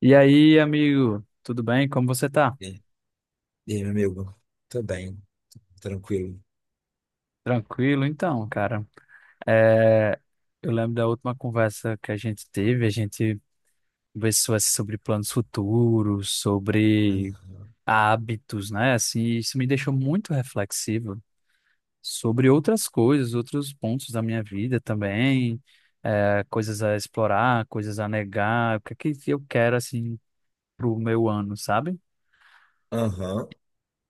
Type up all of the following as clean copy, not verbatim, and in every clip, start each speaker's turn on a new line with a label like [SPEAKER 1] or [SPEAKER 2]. [SPEAKER 1] E aí, amigo, tudo bem? Como você tá?
[SPEAKER 2] E e aí, meu amigo? Tô bem, tranquilo.
[SPEAKER 1] Tranquilo? Então, cara, é, eu lembro da última conversa que a gente teve, a gente conversou assim, sobre planos futuros, sobre
[SPEAKER 2] Aham.
[SPEAKER 1] hábitos, né? Assim, isso me deixou muito reflexivo sobre outras coisas, outros pontos da minha vida também, coisas a explorar, coisas a negar, o que é que eu quero, assim, pro meu ano, sabe?
[SPEAKER 2] Aham.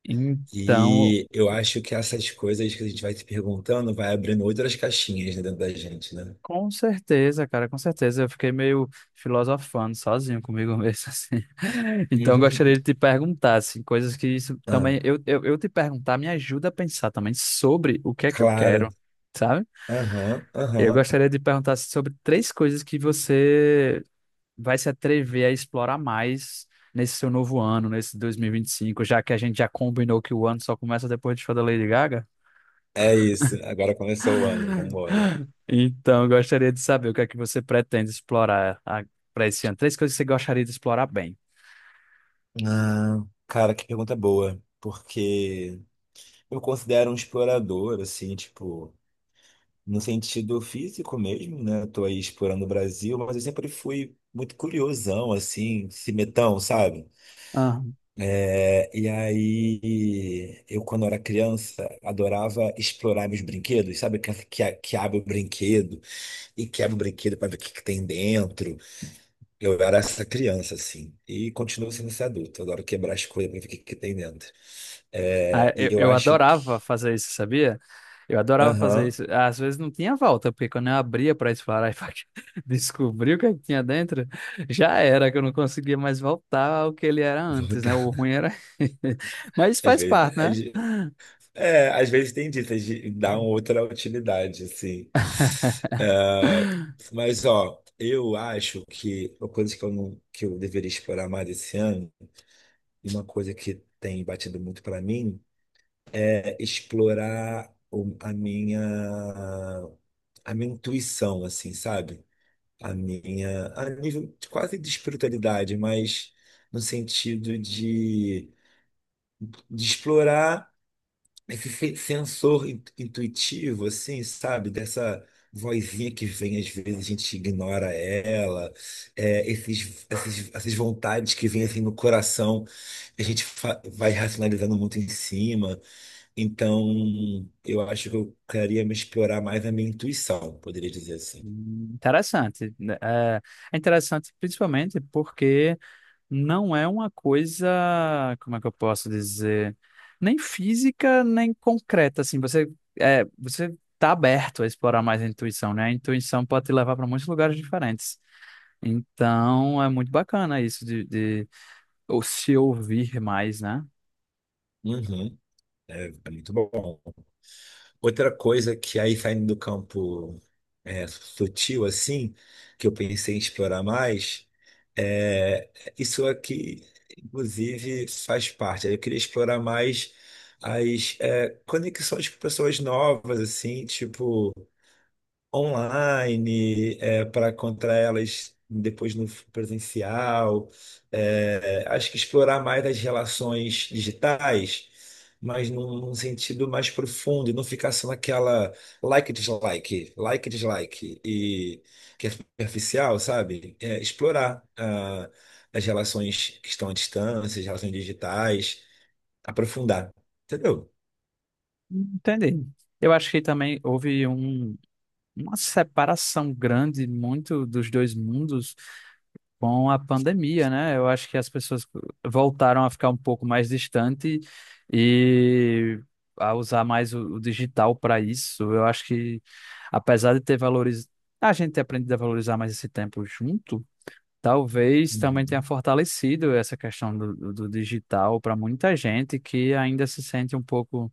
[SPEAKER 1] Então,
[SPEAKER 2] E eu acho que essas coisas que a gente vai se perguntando vai abrindo outras caixinhas, né, dentro da gente, né?
[SPEAKER 1] com certeza, cara, com certeza. Eu fiquei meio filosofando sozinho comigo mesmo, assim. Então, eu
[SPEAKER 2] Uhum.
[SPEAKER 1] gostaria de te perguntar, assim, coisas que isso
[SPEAKER 2] Ah,
[SPEAKER 1] também. Eu te perguntar me ajuda a pensar também sobre o que é que eu
[SPEAKER 2] claro.
[SPEAKER 1] quero, sabe?
[SPEAKER 2] Aham,
[SPEAKER 1] Eu
[SPEAKER 2] aham.
[SPEAKER 1] gostaria de perguntar assim, sobre três coisas que você vai se atrever a explorar mais nesse seu novo ano, nesse 2025, já que a gente já combinou que o ano só começa depois do show da Lady Gaga.
[SPEAKER 2] É isso. Agora começou o ano, vambora.
[SPEAKER 1] Então, eu gostaria de saber o que é que você pretende explorar para esse ano. Três coisas que você gostaria de explorar bem.
[SPEAKER 2] Ah, cara, que pergunta boa. Porque eu considero um explorador, assim, tipo. No sentido físico mesmo, né? Tô aí explorando o Brasil, mas eu sempre fui muito curiosão, assim, cimetão, sabe?
[SPEAKER 1] Ah.
[SPEAKER 2] É, e aí, eu quando era criança, adorava explorar meus brinquedos, sabe? Que abre o brinquedo e quebra o brinquedo para ver o que tem dentro. Eu era essa criança, assim, e continuo sendo esse adulto. Eu adoro quebrar as coisas para ver o que tem dentro.
[SPEAKER 1] Ah,
[SPEAKER 2] É, e
[SPEAKER 1] eu,
[SPEAKER 2] eu
[SPEAKER 1] eu
[SPEAKER 2] acho
[SPEAKER 1] adorava
[SPEAKER 2] que.
[SPEAKER 1] fazer isso, sabia? Eu adorava fazer
[SPEAKER 2] Aham.
[SPEAKER 1] isso. Às vezes não tinha volta, porque quando eu abria para explorar e pra descobrir o que é que tinha dentro, já era, que eu não conseguia mais voltar ao que ele era
[SPEAKER 2] Vou
[SPEAKER 1] antes, né? O
[SPEAKER 2] botar
[SPEAKER 1] ruim era. Mas isso
[SPEAKER 2] às
[SPEAKER 1] faz
[SPEAKER 2] vezes.
[SPEAKER 1] parte, né?
[SPEAKER 2] É, às vezes tem disso, de dar uma outra utilidade, assim. É, mas, ó, eu acho que uma coisa que eu, não, que eu deveria explorar mais esse ano, e uma coisa que tem batido muito para mim, é explorar a minha, intuição, assim, sabe? A minha, a nível quase de espiritualidade, mas no sentido de explorar esse sensor intuitivo, assim, sabe? Dessa vozinha que vem, às vezes a gente ignora ela, é, esses, essas vontades que vêm assim no coração, a gente vai racionalizando muito em cima. Então, eu acho que eu queria me explorar mais a minha intuição, poderia dizer assim.
[SPEAKER 1] Interessante, né? É interessante, principalmente porque não é uma coisa, como é que eu posso dizer, nem física, nem concreta, assim, você você tá aberto a explorar mais a intuição, né? A intuição pode te levar para muitos lugares diferentes. Então, é muito bacana isso de ou se ouvir mais, né?
[SPEAKER 2] Uhum, é muito bom. Outra coisa que aí saindo do campo é, sutil assim, que eu pensei em explorar mais, é isso aqui, inclusive, faz parte. Eu queria explorar mais as conexões com pessoas novas, assim, tipo online, para contra elas depois no presencial. É, acho que explorar mais as relações digitais, mas num sentido mais profundo, e não ficar só naquela like e dislike, like e dislike, e que é superficial, sabe? É, explorar as relações que estão à distância, as relações digitais, aprofundar, entendeu?
[SPEAKER 1] Entendi. Eu acho que também houve um, uma separação grande muito dos dois mundos com a pandemia, né? Eu acho que as pessoas voltaram a ficar um pouco mais distante e a usar mais o digital para isso. Eu acho que, apesar de ter valores, a gente ter aprendido a valorizar mais esse tempo junto, talvez também tenha
[SPEAKER 2] Uhum.
[SPEAKER 1] fortalecido essa questão do, do digital para muita gente que ainda se sente um pouco,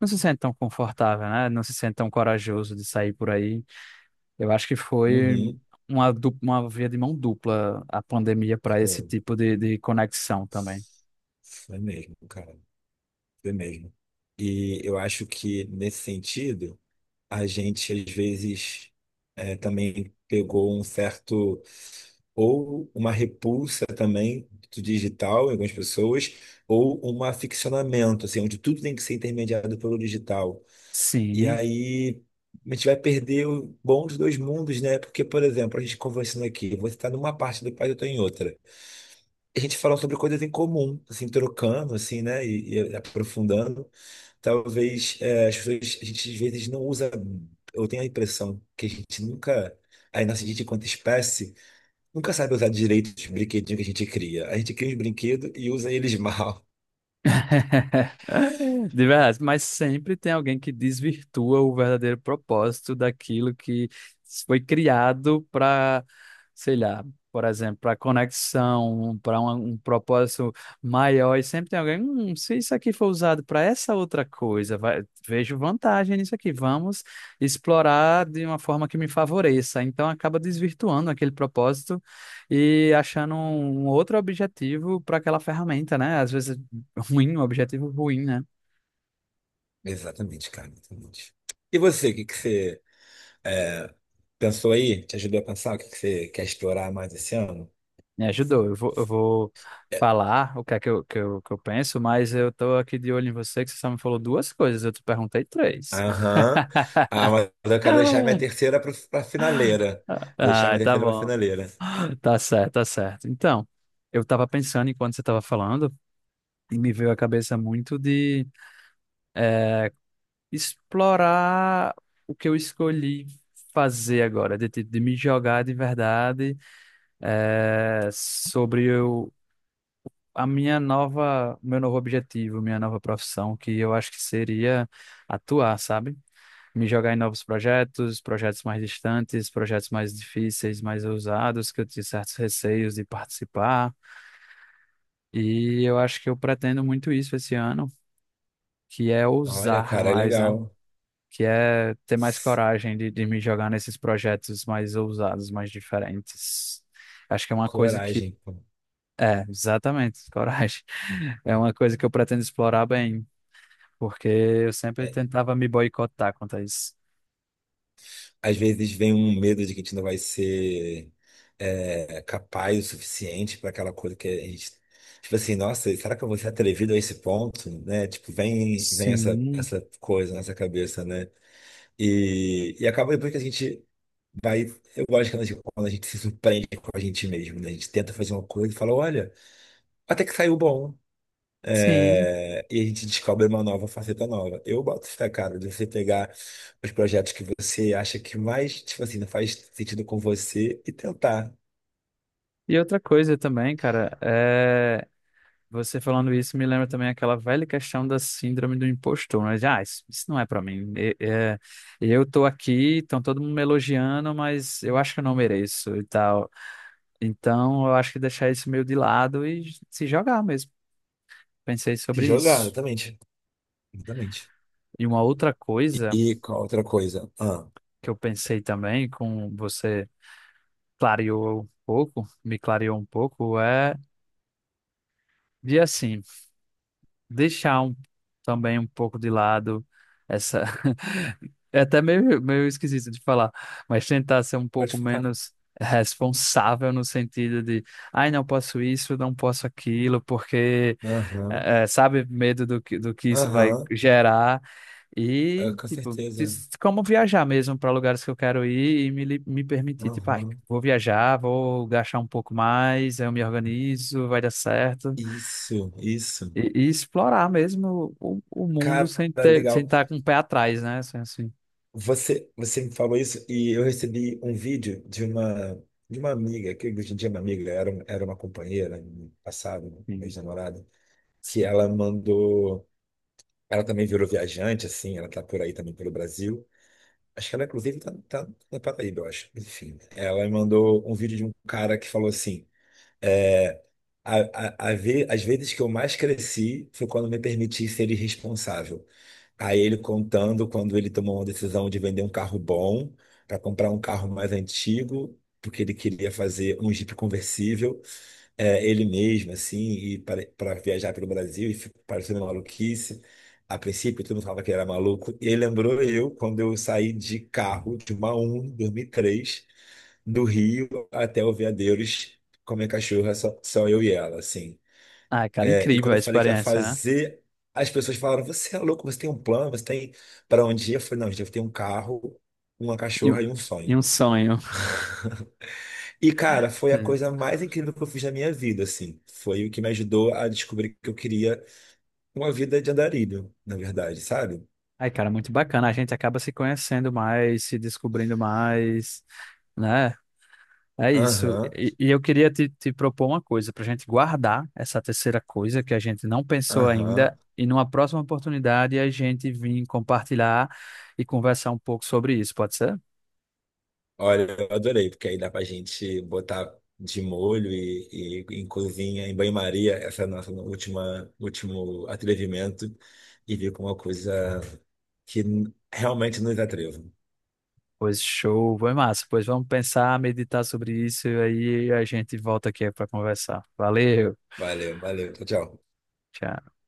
[SPEAKER 1] não se sente tão confortável, né? Não se sente tão corajoso de sair por aí. Eu acho que foi
[SPEAKER 2] Uhum.
[SPEAKER 1] uma, uma via de mão dupla a pandemia para esse
[SPEAKER 2] Foi,
[SPEAKER 1] tipo de conexão também.
[SPEAKER 2] foi mesmo, cara. É mesmo. E eu acho que, nesse sentido, a gente, às vezes, também pegou um certo, ou uma repulsa também do digital em algumas pessoas, ou um aficionamento, assim, onde tudo tem que ser intermediado pelo digital. E
[SPEAKER 1] Sim.
[SPEAKER 2] aí a gente vai perder o bom dos dois mundos, né? Porque, por exemplo, a gente conversando aqui, você está numa parte do país, eu estou em outra. A gente falando sobre coisas em comum, assim, trocando, assim, né? E aprofundando. Talvez as pessoas, a gente às vezes não usa. Eu tenho a impressão que a gente nunca, a nossa gente, enquanto espécie, nunca sabe usar direito os brinquedinhos que a gente cria. A gente cria os brinquedos e usa eles mal.
[SPEAKER 1] De verdade, mas sempre tem alguém que desvirtua o verdadeiro propósito daquilo que foi criado para, sei lá, por exemplo, para conexão, para um, um propósito maior. E sempre tem alguém: se isso aqui for usado para essa outra coisa, vejo vantagem nisso aqui, vamos explorar de uma forma que me favoreça." Então acaba desvirtuando aquele propósito e achando um outro objetivo para aquela ferramenta, né? Às vezes ruim, um objetivo ruim, né?
[SPEAKER 2] Exatamente, cara, exatamente. E você, o que que você eh, pensou aí? Te ajudou a pensar o que que você quer explorar mais esse ano?
[SPEAKER 1] Me ajudou. Eu vou
[SPEAKER 2] É.
[SPEAKER 1] falar o que é que eu penso, mas eu tô aqui de olho em você, que você só me falou duas coisas, eu te perguntei três.
[SPEAKER 2] Aham. Ah, mas eu quero deixar minha terceira para pra finaleira. Vou deixar
[SPEAKER 1] Ah,
[SPEAKER 2] minha
[SPEAKER 1] tá
[SPEAKER 2] terceira pra
[SPEAKER 1] bom.
[SPEAKER 2] finaleira.
[SPEAKER 1] Tá certo. Então, eu tava pensando enquanto você tava falando, e me veio à cabeça muito de explorar o que eu escolhi fazer agora, de, de me jogar de verdade, sobre o a minha nova, meu novo objetivo, minha nova profissão, que eu acho que seria atuar, sabe? Me jogar em novos projetos, projetos mais distantes, projetos mais difíceis, mais ousados, que eu tinha certos receios de participar. E eu acho que eu pretendo muito isso esse ano, que é
[SPEAKER 2] Olha,
[SPEAKER 1] ousar
[SPEAKER 2] cara,
[SPEAKER 1] mais, né?
[SPEAKER 2] legal.
[SPEAKER 1] Que é ter mais coragem de me jogar nesses projetos mais ousados, mais diferentes. Acho que é uma coisa que.
[SPEAKER 2] Coragem.
[SPEAKER 1] É, exatamente, coragem. É uma coisa que eu pretendo explorar bem, porque eu sempre
[SPEAKER 2] É,
[SPEAKER 1] tentava me boicotar quanto a isso.
[SPEAKER 2] às vezes vem um medo de que a gente não vai ser capaz o suficiente para aquela coisa que a gente. Tipo assim, nossa, será que eu vou ser atrevido a esse ponto? Né? Tipo, vem essa,
[SPEAKER 1] Sim,
[SPEAKER 2] essa coisa na nossa cabeça, né? E acaba depois que a gente vai. Eu gosto quando a gente se surpreende com a gente mesmo, né? A gente tenta fazer uma coisa e fala, olha, até que saiu bom.
[SPEAKER 1] sim.
[SPEAKER 2] É, e a gente descobre uma nova faceta nova. Eu boto fé, cara, de você pegar os projetos que você acha que mais, tipo assim, não faz sentido com você e tentar
[SPEAKER 1] E outra coisa também, cara, é... você falando isso me lembra também aquela velha questão da síndrome do impostor, né? De: ah, isso não é pra mim. Eu tô aqui, estão todo mundo me elogiando, mas eu acho que eu não mereço e tal. Então, eu acho que deixar isso meio de lado e se jogar mesmo. Pensei
[SPEAKER 2] se
[SPEAKER 1] sobre
[SPEAKER 2] jogar,
[SPEAKER 1] isso.
[SPEAKER 2] exatamente. Exatamente.
[SPEAKER 1] E uma outra coisa
[SPEAKER 2] E qual outra coisa? Ah,
[SPEAKER 1] que eu pensei também com você. Clareou um pouco, me clareou um pouco, é de assim, deixar um, também um pouco de lado essa. É até meio esquisito de falar, mas tentar ser um
[SPEAKER 2] pode
[SPEAKER 1] pouco
[SPEAKER 2] falar.
[SPEAKER 1] menos responsável no sentido de, ai, não posso isso, não posso aquilo, porque
[SPEAKER 2] Aham,
[SPEAKER 1] sabe? Medo do que isso vai
[SPEAKER 2] aham,
[SPEAKER 1] gerar.
[SPEAKER 2] é,
[SPEAKER 1] E,
[SPEAKER 2] com
[SPEAKER 1] tipo,
[SPEAKER 2] certeza.
[SPEAKER 1] como viajar mesmo para lugares que eu quero ir e me, me permitir. Tipo, ah,
[SPEAKER 2] Aham.
[SPEAKER 1] vou viajar, vou gastar um pouco mais, eu me organizo, vai dar certo.
[SPEAKER 2] Isso, isso.
[SPEAKER 1] E, e explorar mesmo o mundo
[SPEAKER 2] Cara,
[SPEAKER 1] sem ter, sem
[SPEAKER 2] legal.
[SPEAKER 1] estar com o pé atrás, né? Assim.
[SPEAKER 2] Você me falou isso e eu recebi um vídeo de uma amiga, que hoje em dia é uma amiga, era, era uma companheira no passado, uma
[SPEAKER 1] Sim,
[SPEAKER 2] ex-namorada, que
[SPEAKER 1] sim.
[SPEAKER 2] ela mandou. Ela também virou viajante, assim, ela tá por aí também pelo Brasil. Acho que ela, inclusive, tá na Paraíba, eu acho. Enfim, ela me mandou um vídeo de um cara que falou assim. É, a, as vezes que eu mais cresci foi quando me permiti ser irresponsável. Aí ele contando quando ele tomou uma decisão de vender um carro bom para comprar um carro mais antigo, porque ele queria fazer um Jeep conversível, ele mesmo, assim, e para viajar pelo Brasil, e ficou parecendo uma maluquice. A princípio, todo mundo falava que ele era maluco. E ele lembrou eu quando eu saí de carro de uma Uno em 2003 do Rio até o Veadeiros com minha cachorra, só, só eu e ela, assim.
[SPEAKER 1] Ai, cara,
[SPEAKER 2] É, e
[SPEAKER 1] incrível
[SPEAKER 2] quando
[SPEAKER 1] a
[SPEAKER 2] eu falei que ia
[SPEAKER 1] experiência, né?
[SPEAKER 2] fazer, as pessoas falaram: Você é louco, você tem um plano, você tem para onde ir? Eu falei: Não, gente, eu tenho um carro, uma
[SPEAKER 1] E,
[SPEAKER 2] cachorra e um
[SPEAKER 1] e
[SPEAKER 2] sonho.
[SPEAKER 1] um sonho.
[SPEAKER 2] E, cara, foi a
[SPEAKER 1] Sim.
[SPEAKER 2] coisa mais incrível que eu fiz na minha vida, assim. Foi o que me ajudou a descobrir que eu queria uma vida de andarilho, na verdade, sabe?
[SPEAKER 1] Ai, cara, muito bacana. A gente acaba se conhecendo mais, se descobrindo mais, né? É isso.
[SPEAKER 2] Aham,
[SPEAKER 1] E eu queria te propor uma coisa para a gente guardar essa terceira coisa que a gente não pensou ainda
[SPEAKER 2] aham.
[SPEAKER 1] e numa próxima oportunidade a gente vir compartilhar e conversar um pouco sobre isso, pode ser?
[SPEAKER 2] Olha, eu adorei, porque aí dá pra gente botar de molho e em cozinha, em banho-maria, essa nossa última, último atrevimento e vir com uma coisa que realmente nos atreva.
[SPEAKER 1] Pois show, foi massa. Pois vamos pensar, meditar sobre isso e aí a gente volta aqui para conversar. Valeu,
[SPEAKER 2] Valeu, valeu, tchau, tchau.
[SPEAKER 1] tchau.